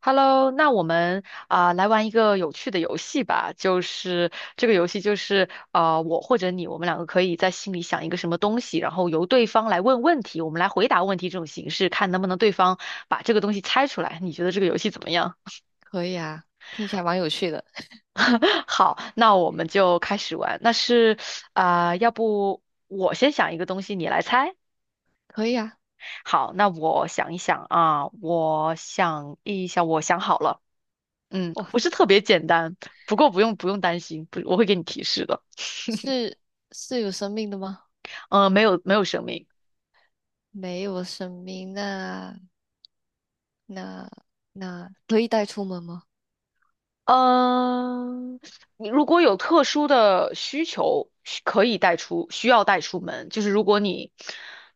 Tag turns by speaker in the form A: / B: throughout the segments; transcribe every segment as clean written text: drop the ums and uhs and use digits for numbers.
A: Hello，那我们啊、来玩一个有趣的游戏吧，就是这个游戏就是我或者你，我们两个可以在心里想一个什么东西，然后由对方来问问题，我们来回答问题这种形式，看能不能对方把这个东西猜出来。你觉得这个游戏怎么样？
B: 可以啊，听起来蛮有趣的。
A: 好，那我们就开始玩。那是啊、要不我先想一个东西，你来猜。
B: 可以啊，
A: 好，那我想一想啊，我想一想，我想好了。嗯，
B: 哇，
A: 不是特别简单，不过不用不用担心，不，我会给你提示的。
B: 是是有生命的吗？
A: 没有没有生命。
B: 没有生命，那那那可以带出门吗？
A: 嗯、你如果有特殊的需求，需要带出门，就是如果你，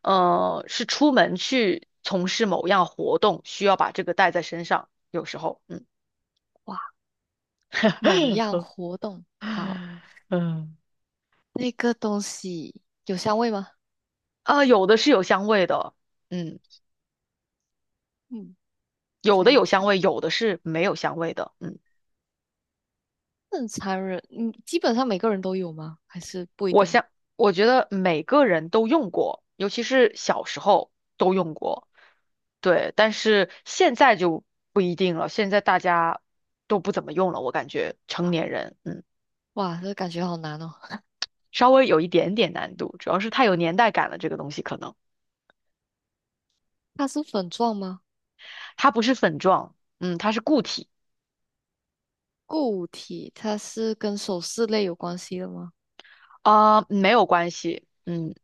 A: 是出门去从事某样活动，需要把这个带在身上，有时候，嗯，
B: 哇，某样活动，好，
A: 嗯，
B: 那个东西有香味吗？
A: 啊、有的是有香味的，嗯，
B: 嗯，非
A: 有
B: 常
A: 的
B: 有
A: 有香
B: 趣。
A: 味，有的是没有香味的，嗯。
B: 正常人，嗯，基本上每个人都有吗？还是不一
A: 我
B: 定？
A: 想，我觉得每个人都用过，尤其是小时候都用过，对。但是现在就不一定了，现在大家都不怎么用了，我感觉成年人，嗯，
B: 哇，这感觉好难哦。
A: 稍微有一点点难度，主要是太有年代感了，这个东西可能
B: 它是粉状吗？
A: 它不是粉状，嗯，它是固体，
B: 固体，它是跟首饰类有关系的吗？
A: 啊、没有关系，嗯。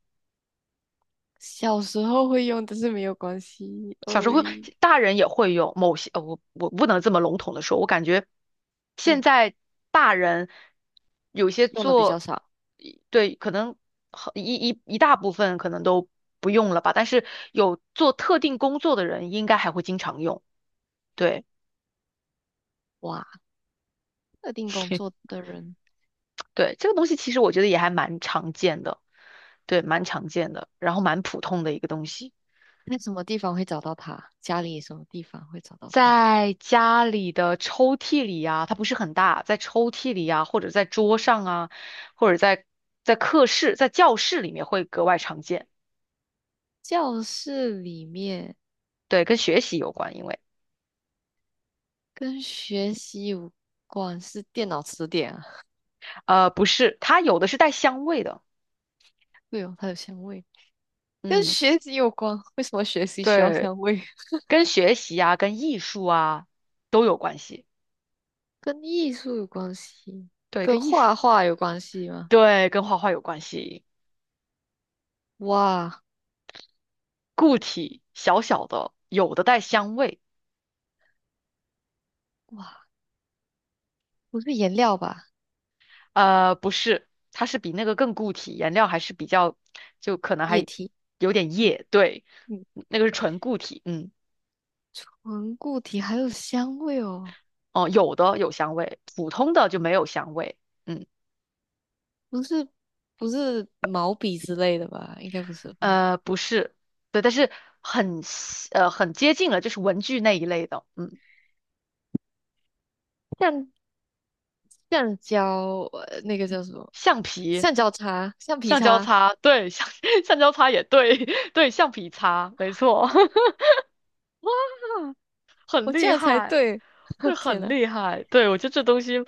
B: 小时候会用，但是没有关系。
A: 小时
B: 呃，
A: 候会大人也会有某些，我不能这么笼统的说，我感觉现
B: 嗯，
A: 在大人有些
B: 用的比较
A: 做，
B: 少。
A: 对，可能很一大部分可能都不用了吧，但是有做特定工作的人应该还会经常用。对
B: 哇，特定工作 的人
A: 对，这个东西其实我觉得也还蛮常见的，对，蛮常见的，然后蛮普通的一个东西。
B: 在什么地方会找到他？家里什么地方会找到他？
A: 在家里的抽屉里呀，它不是很大，在抽屉里呀，或者在桌上啊，或者在课室、在教室里面会格外常见。
B: 教室里面
A: 对，跟学习有关，因为
B: 跟学习有关是电脑词典啊。
A: 不是，它有的是带香味的，
B: 对哦，它有香味，跟
A: 嗯，
B: 学习有关。为什么学习需要
A: 对，
B: 香味？
A: 跟学习啊、跟艺术啊都有关系，
B: 跟艺术有关系，
A: 对，
B: 跟
A: 跟艺术，
B: 画画有关系吗？
A: 对，跟画画有关系。
B: 哇
A: 固体小小的，有的带香味。
B: 哇，不是颜料吧？
A: 不是，它是比那个更固体，颜料还是比较，就可能
B: 液
A: 还
B: 体，
A: 有点
B: 嗯
A: 液，对，
B: 嗯，
A: 那个是纯固体，嗯，
B: 纯固体还有香味哦。
A: 哦，有的有香味，普通的就没有香味，嗯，
B: 不是不是毛笔之类的吧？应该不是吧？
A: 不是，对，但是很很接近了，就是文具那一类的，嗯，
B: 橡橡胶，那个叫什么？
A: 橡皮、
B: 橡胶擦，橡皮
A: 橡胶
B: 擦。
A: 擦，对，橡胶擦也对，对，橡皮擦，没错，
B: 哇，
A: 很
B: 我这
A: 厉
B: 样才
A: 害，
B: 对！
A: 这
B: 天
A: 很
B: 呐，
A: 厉害。对，我觉得这东西，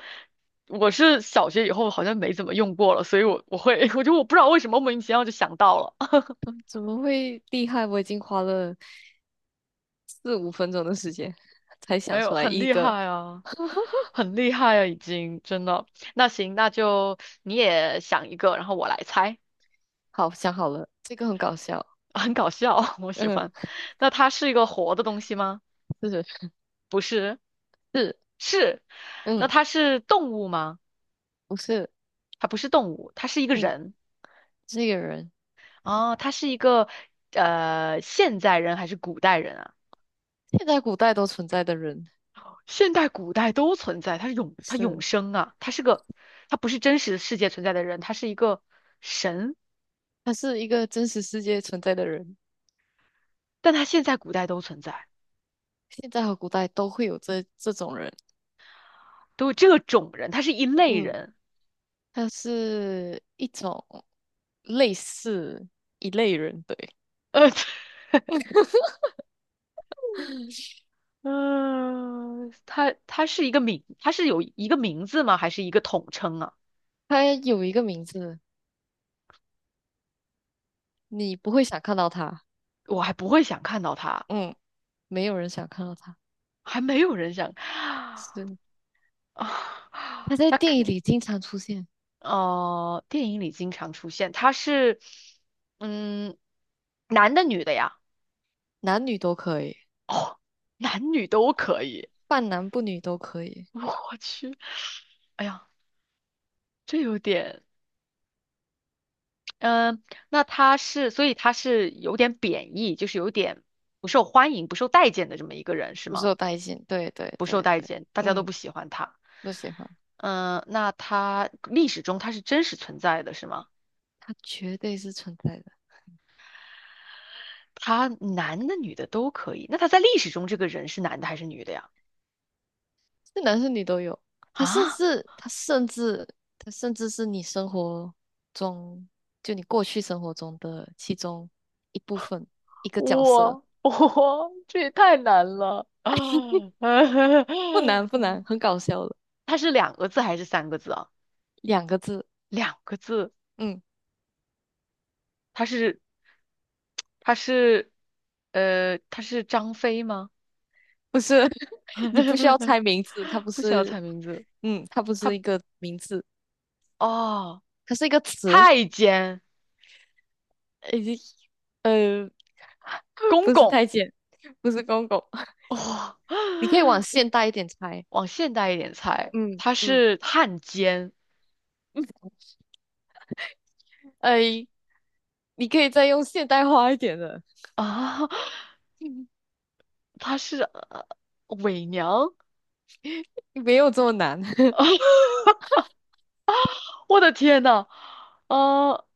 A: 我是小学以后好像没怎么用过了，所以我会，我不知道为什么莫名其妙就想到了，
B: 嗯怎么会厉害？我已经花了四五分钟的时间才
A: 没
B: 想
A: 有，
B: 出来
A: 很
B: 一
A: 厉
B: 个。
A: 害啊，很厉害啊，已经真的。那行，那就你也想一个，然后我来猜，
B: 好，想好了，这个很搞笑。
A: 很搞笑，我喜
B: 嗯，
A: 欢。那它是一个活的东西吗？
B: 是
A: 不是，
B: 是，
A: 是。那
B: 嗯，
A: 它是动物吗？
B: 不是，
A: 它不是动物，它是一个
B: 嗯，
A: 人。
B: 这个人，
A: 哦，他是一个现代人还是古代人啊？
B: 现在古代都存在的人，
A: 现代、古代都存在，他永
B: 是，
A: 生啊，他不是真实世界存在的人，他是一个神，
B: 他是一个真实世界存在的人。
A: 但他现在、古代都存在，
B: 现在和古代都会有这种人，
A: 都有这种人，他是一类
B: 嗯，
A: 人。
B: 他是一种类似一类人，对，
A: 呃，嗯、他是一个名，他是有一个名字吗？还是一个统称啊？
B: 他有一个名字，你不会想看到他，
A: 我还不会想看到他，
B: 嗯，没有人想看到他，
A: 还没有人想
B: 是他
A: 啊。
B: 在
A: 那
B: 电影
A: 可。
B: 里经常出现，
A: 电影里经常出现，他是，嗯，男的女的呀？
B: 男女都可以，
A: 哦，男女都可以。
B: 半男不女都可以，
A: 我去，哎呀，这有点，嗯、那他是，所以他是有点贬义，就是有点不受欢迎、不受待见的这么一个人，是
B: 不
A: 吗？
B: 受待见，对对
A: 不受
B: 对
A: 待
B: 对，
A: 见，大家都
B: 嗯，
A: 不喜欢他。
B: 不喜欢，
A: 嗯、那他历史中他是真实存在的，是吗？
B: 他绝对是存在的。
A: 他男的、女的都可以。那他在历史中这个人是男的还是女的呀？
B: 是男是女都有。他甚
A: 啊？
B: 至他甚至他甚至是你生活中，就你过去生活中的其中一部分，一个角色，
A: 哇 我这也太难了。
B: 不难不难，很搞笑的，
A: 它是两个字还是三个字啊？
B: 两个字，
A: 两个字，
B: 嗯，
A: 它是它是它是张飞吗？
B: 不是，你不需要 猜名字，它不
A: 不需要
B: 是，
A: 猜名字，
B: 嗯，它不是
A: 他
B: 一个名字，
A: 哦，
B: 它是一个词，
A: 太监
B: 呃，呃，
A: 公
B: 不是
A: 公
B: 太监，不是公公，
A: 哇、
B: 你可以往现代一点猜，
A: 往现代一点猜，
B: 嗯
A: 他
B: 嗯，
A: 是汉奸
B: 哎，你可以再用现代化一点的。
A: 啊，他是、伪娘。
B: 没有这么难。
A: 我的天呐，呃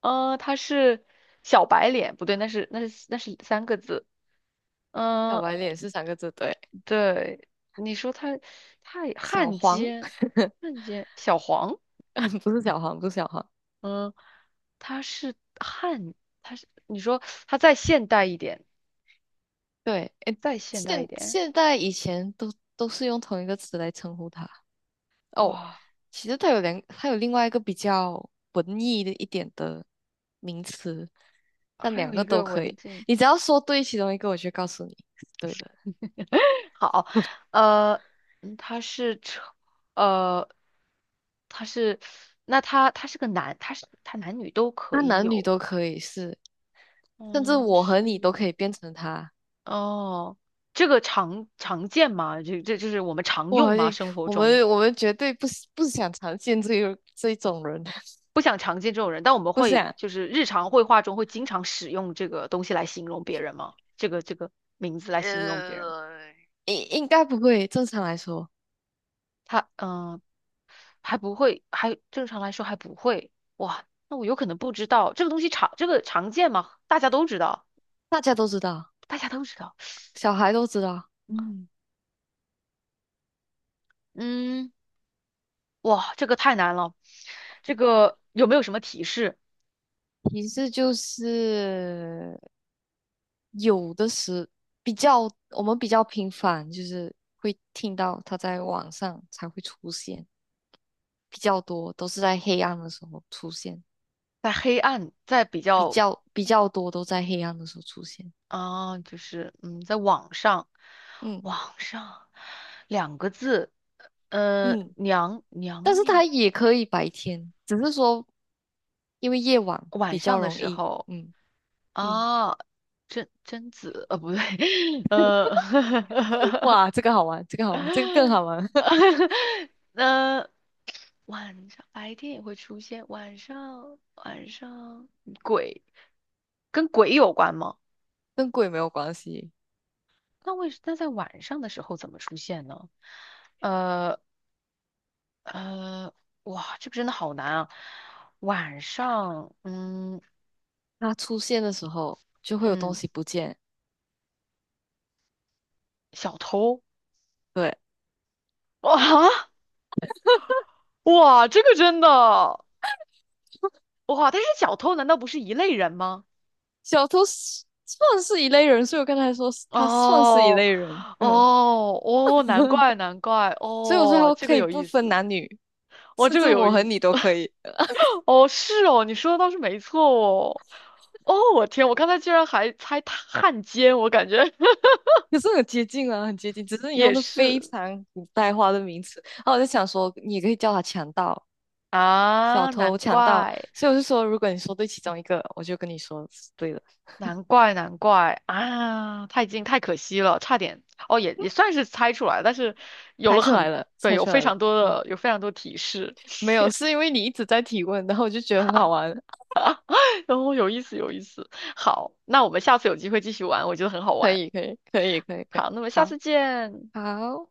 A: 他是小白脸，不对，那是三个字。
B: 小
A: 嗯、
B: 白脸是三个字，对。
A: 对，你说他也
B: 小
A: 汉
B: 黄，
A: 奸，汉奸小黄，
B: 不是小黄，不是小黄。
A: 嗯、他是汉，你说他再现代一点，
B: 对，诶，
A: 再现代一
B: 现
A: 点，
B: 现在以前都是用同一个词来称呼他。哦，
A: 哇，
B: 其实它有两，它有另外一个比较文艺的一点的名词，但
A: 还有
B: 两个
A: 一
B: 都
A: 个
B: 可
A: 文
B: 以。
A: 静。
B: 你只要说对其中一个，我就告诉你是对的。
A: 好，呃，嗯他是成呃，他是，那他是个男，他男女都可
B: 他
A: 以
B: 男女
A: 有，
B: 都可以是，甚至
A: 嗯，
B: 我和你
A: 是，
B: 都可以变成他。
A: 哦，这个常见吗？这就是我们常
B: 哇，
A: 用吗？
B: 诶
A: 生活
B: 我
A: 中
B: 们我们绝对不是不想常见这个这一种人，
A: 不想常见这种人，但我们
B: 不
A: 会
B: 想，
A: 就是日常会话中会经常使用这个东西来形容别人吗？这个名字来形容别人，
B: 应该不会。正常来说，
A: 他嗯、呃还不会，正常来说还不会。哇，那我有可能不知道这个东西常这个常见吗？大家都知道，
B: 大家都知道，
A: 大家都知道。
B: 小孩都知道。
A: 嗯嗯，哇，这个太难了。这个有没有什么提示？
B: 提示就是有的时比较，我们比较频繁，就是会听到他在网上才会出现，比较多都是在黑暗的时候出现，
A: 在黑暗，在比
B: 比
A: 较
B: 较比较多都在黑暗的时候出现。
A: 啊、就是在网上，
B: 嗯
A: 网上两个字，
B: 嗯，
A: 娘
B: 但
A: 娘
B: 是
A: 娘，
B: 他也可以白天，只是说。因为夜晚
A: 晚
B: 比较
A: 上的
B: 容
A: 时
B: 易。
A: 候
B: 嗯嗯，
A: 啊，贞子，不对，呃。
B: 哇，这个好玩，这个好玩，这个更好玩，
A: 那晚上白天也会出现，晚上鬼跟鬼有关吗？
B: 跟鬼没有关系。
A: 那为什那在晚上的时候怎么出现呢？呃呃，哇，这个真的好难啊！晚上，嗯
B: 它出现的时候就会有东
A: 嗯，
B: 西不见。
A: 小偷
B: 对，
A: 哇 哇，这个真的哇，但是小偷难道不是一类人吗？
B: 小偷是算是一类人，所以我刚才说是他算是一
A: 哦，
B: 类人。嗯，
A: 哦，哦，难怪，难怪，
B: 所以我说
A: 哦，
B: 他
A: 这
B: 可
A: 个
B: 以
A: 有
B: 不
A: 意
B: 分
A: 思，
B: 男女，
A: 哦，
B: 甚
A: 这
B: 至
A: 个有
B: 我和
A: 意思，
B: 你都可以。
A: 哦，是哦，你说的倒是没错哦，哦，我天，我刚才居然还猜他汉奸，我感觉
B: 可是很接近啊，很接近，只是 你用
A: 也
B: 的非
A: 是
B: 常古代化的名词。然后我就想说，你也可以叫他强盗，小
A: 啊，
B: 偷、
A: 难
B: 强盗，
A: 怪，
B: 所以我就说，如果你说对其中一个，我就跟你说是对了，
A: 难怪，难怪啊，太近，太可惜了，差点，哦，也算是猜出来，但是有
B: 猜
A: 了
B: 出来
A: 很，
B: 了，
A: 对，
B: 猜出来了。嗯，
A: 有非常多提示，
B: 没有，是因为你一直在提问，然后我就觉得很好玩。
A: 哦，有意思，有意思。好，那我们下次有机会继续玩，我觉得很好
B: 可
A: 玩。
B: 以，可以，可以，可以，可以。
A: 好，那么下
B: 好，
A: 次见。
B: 好。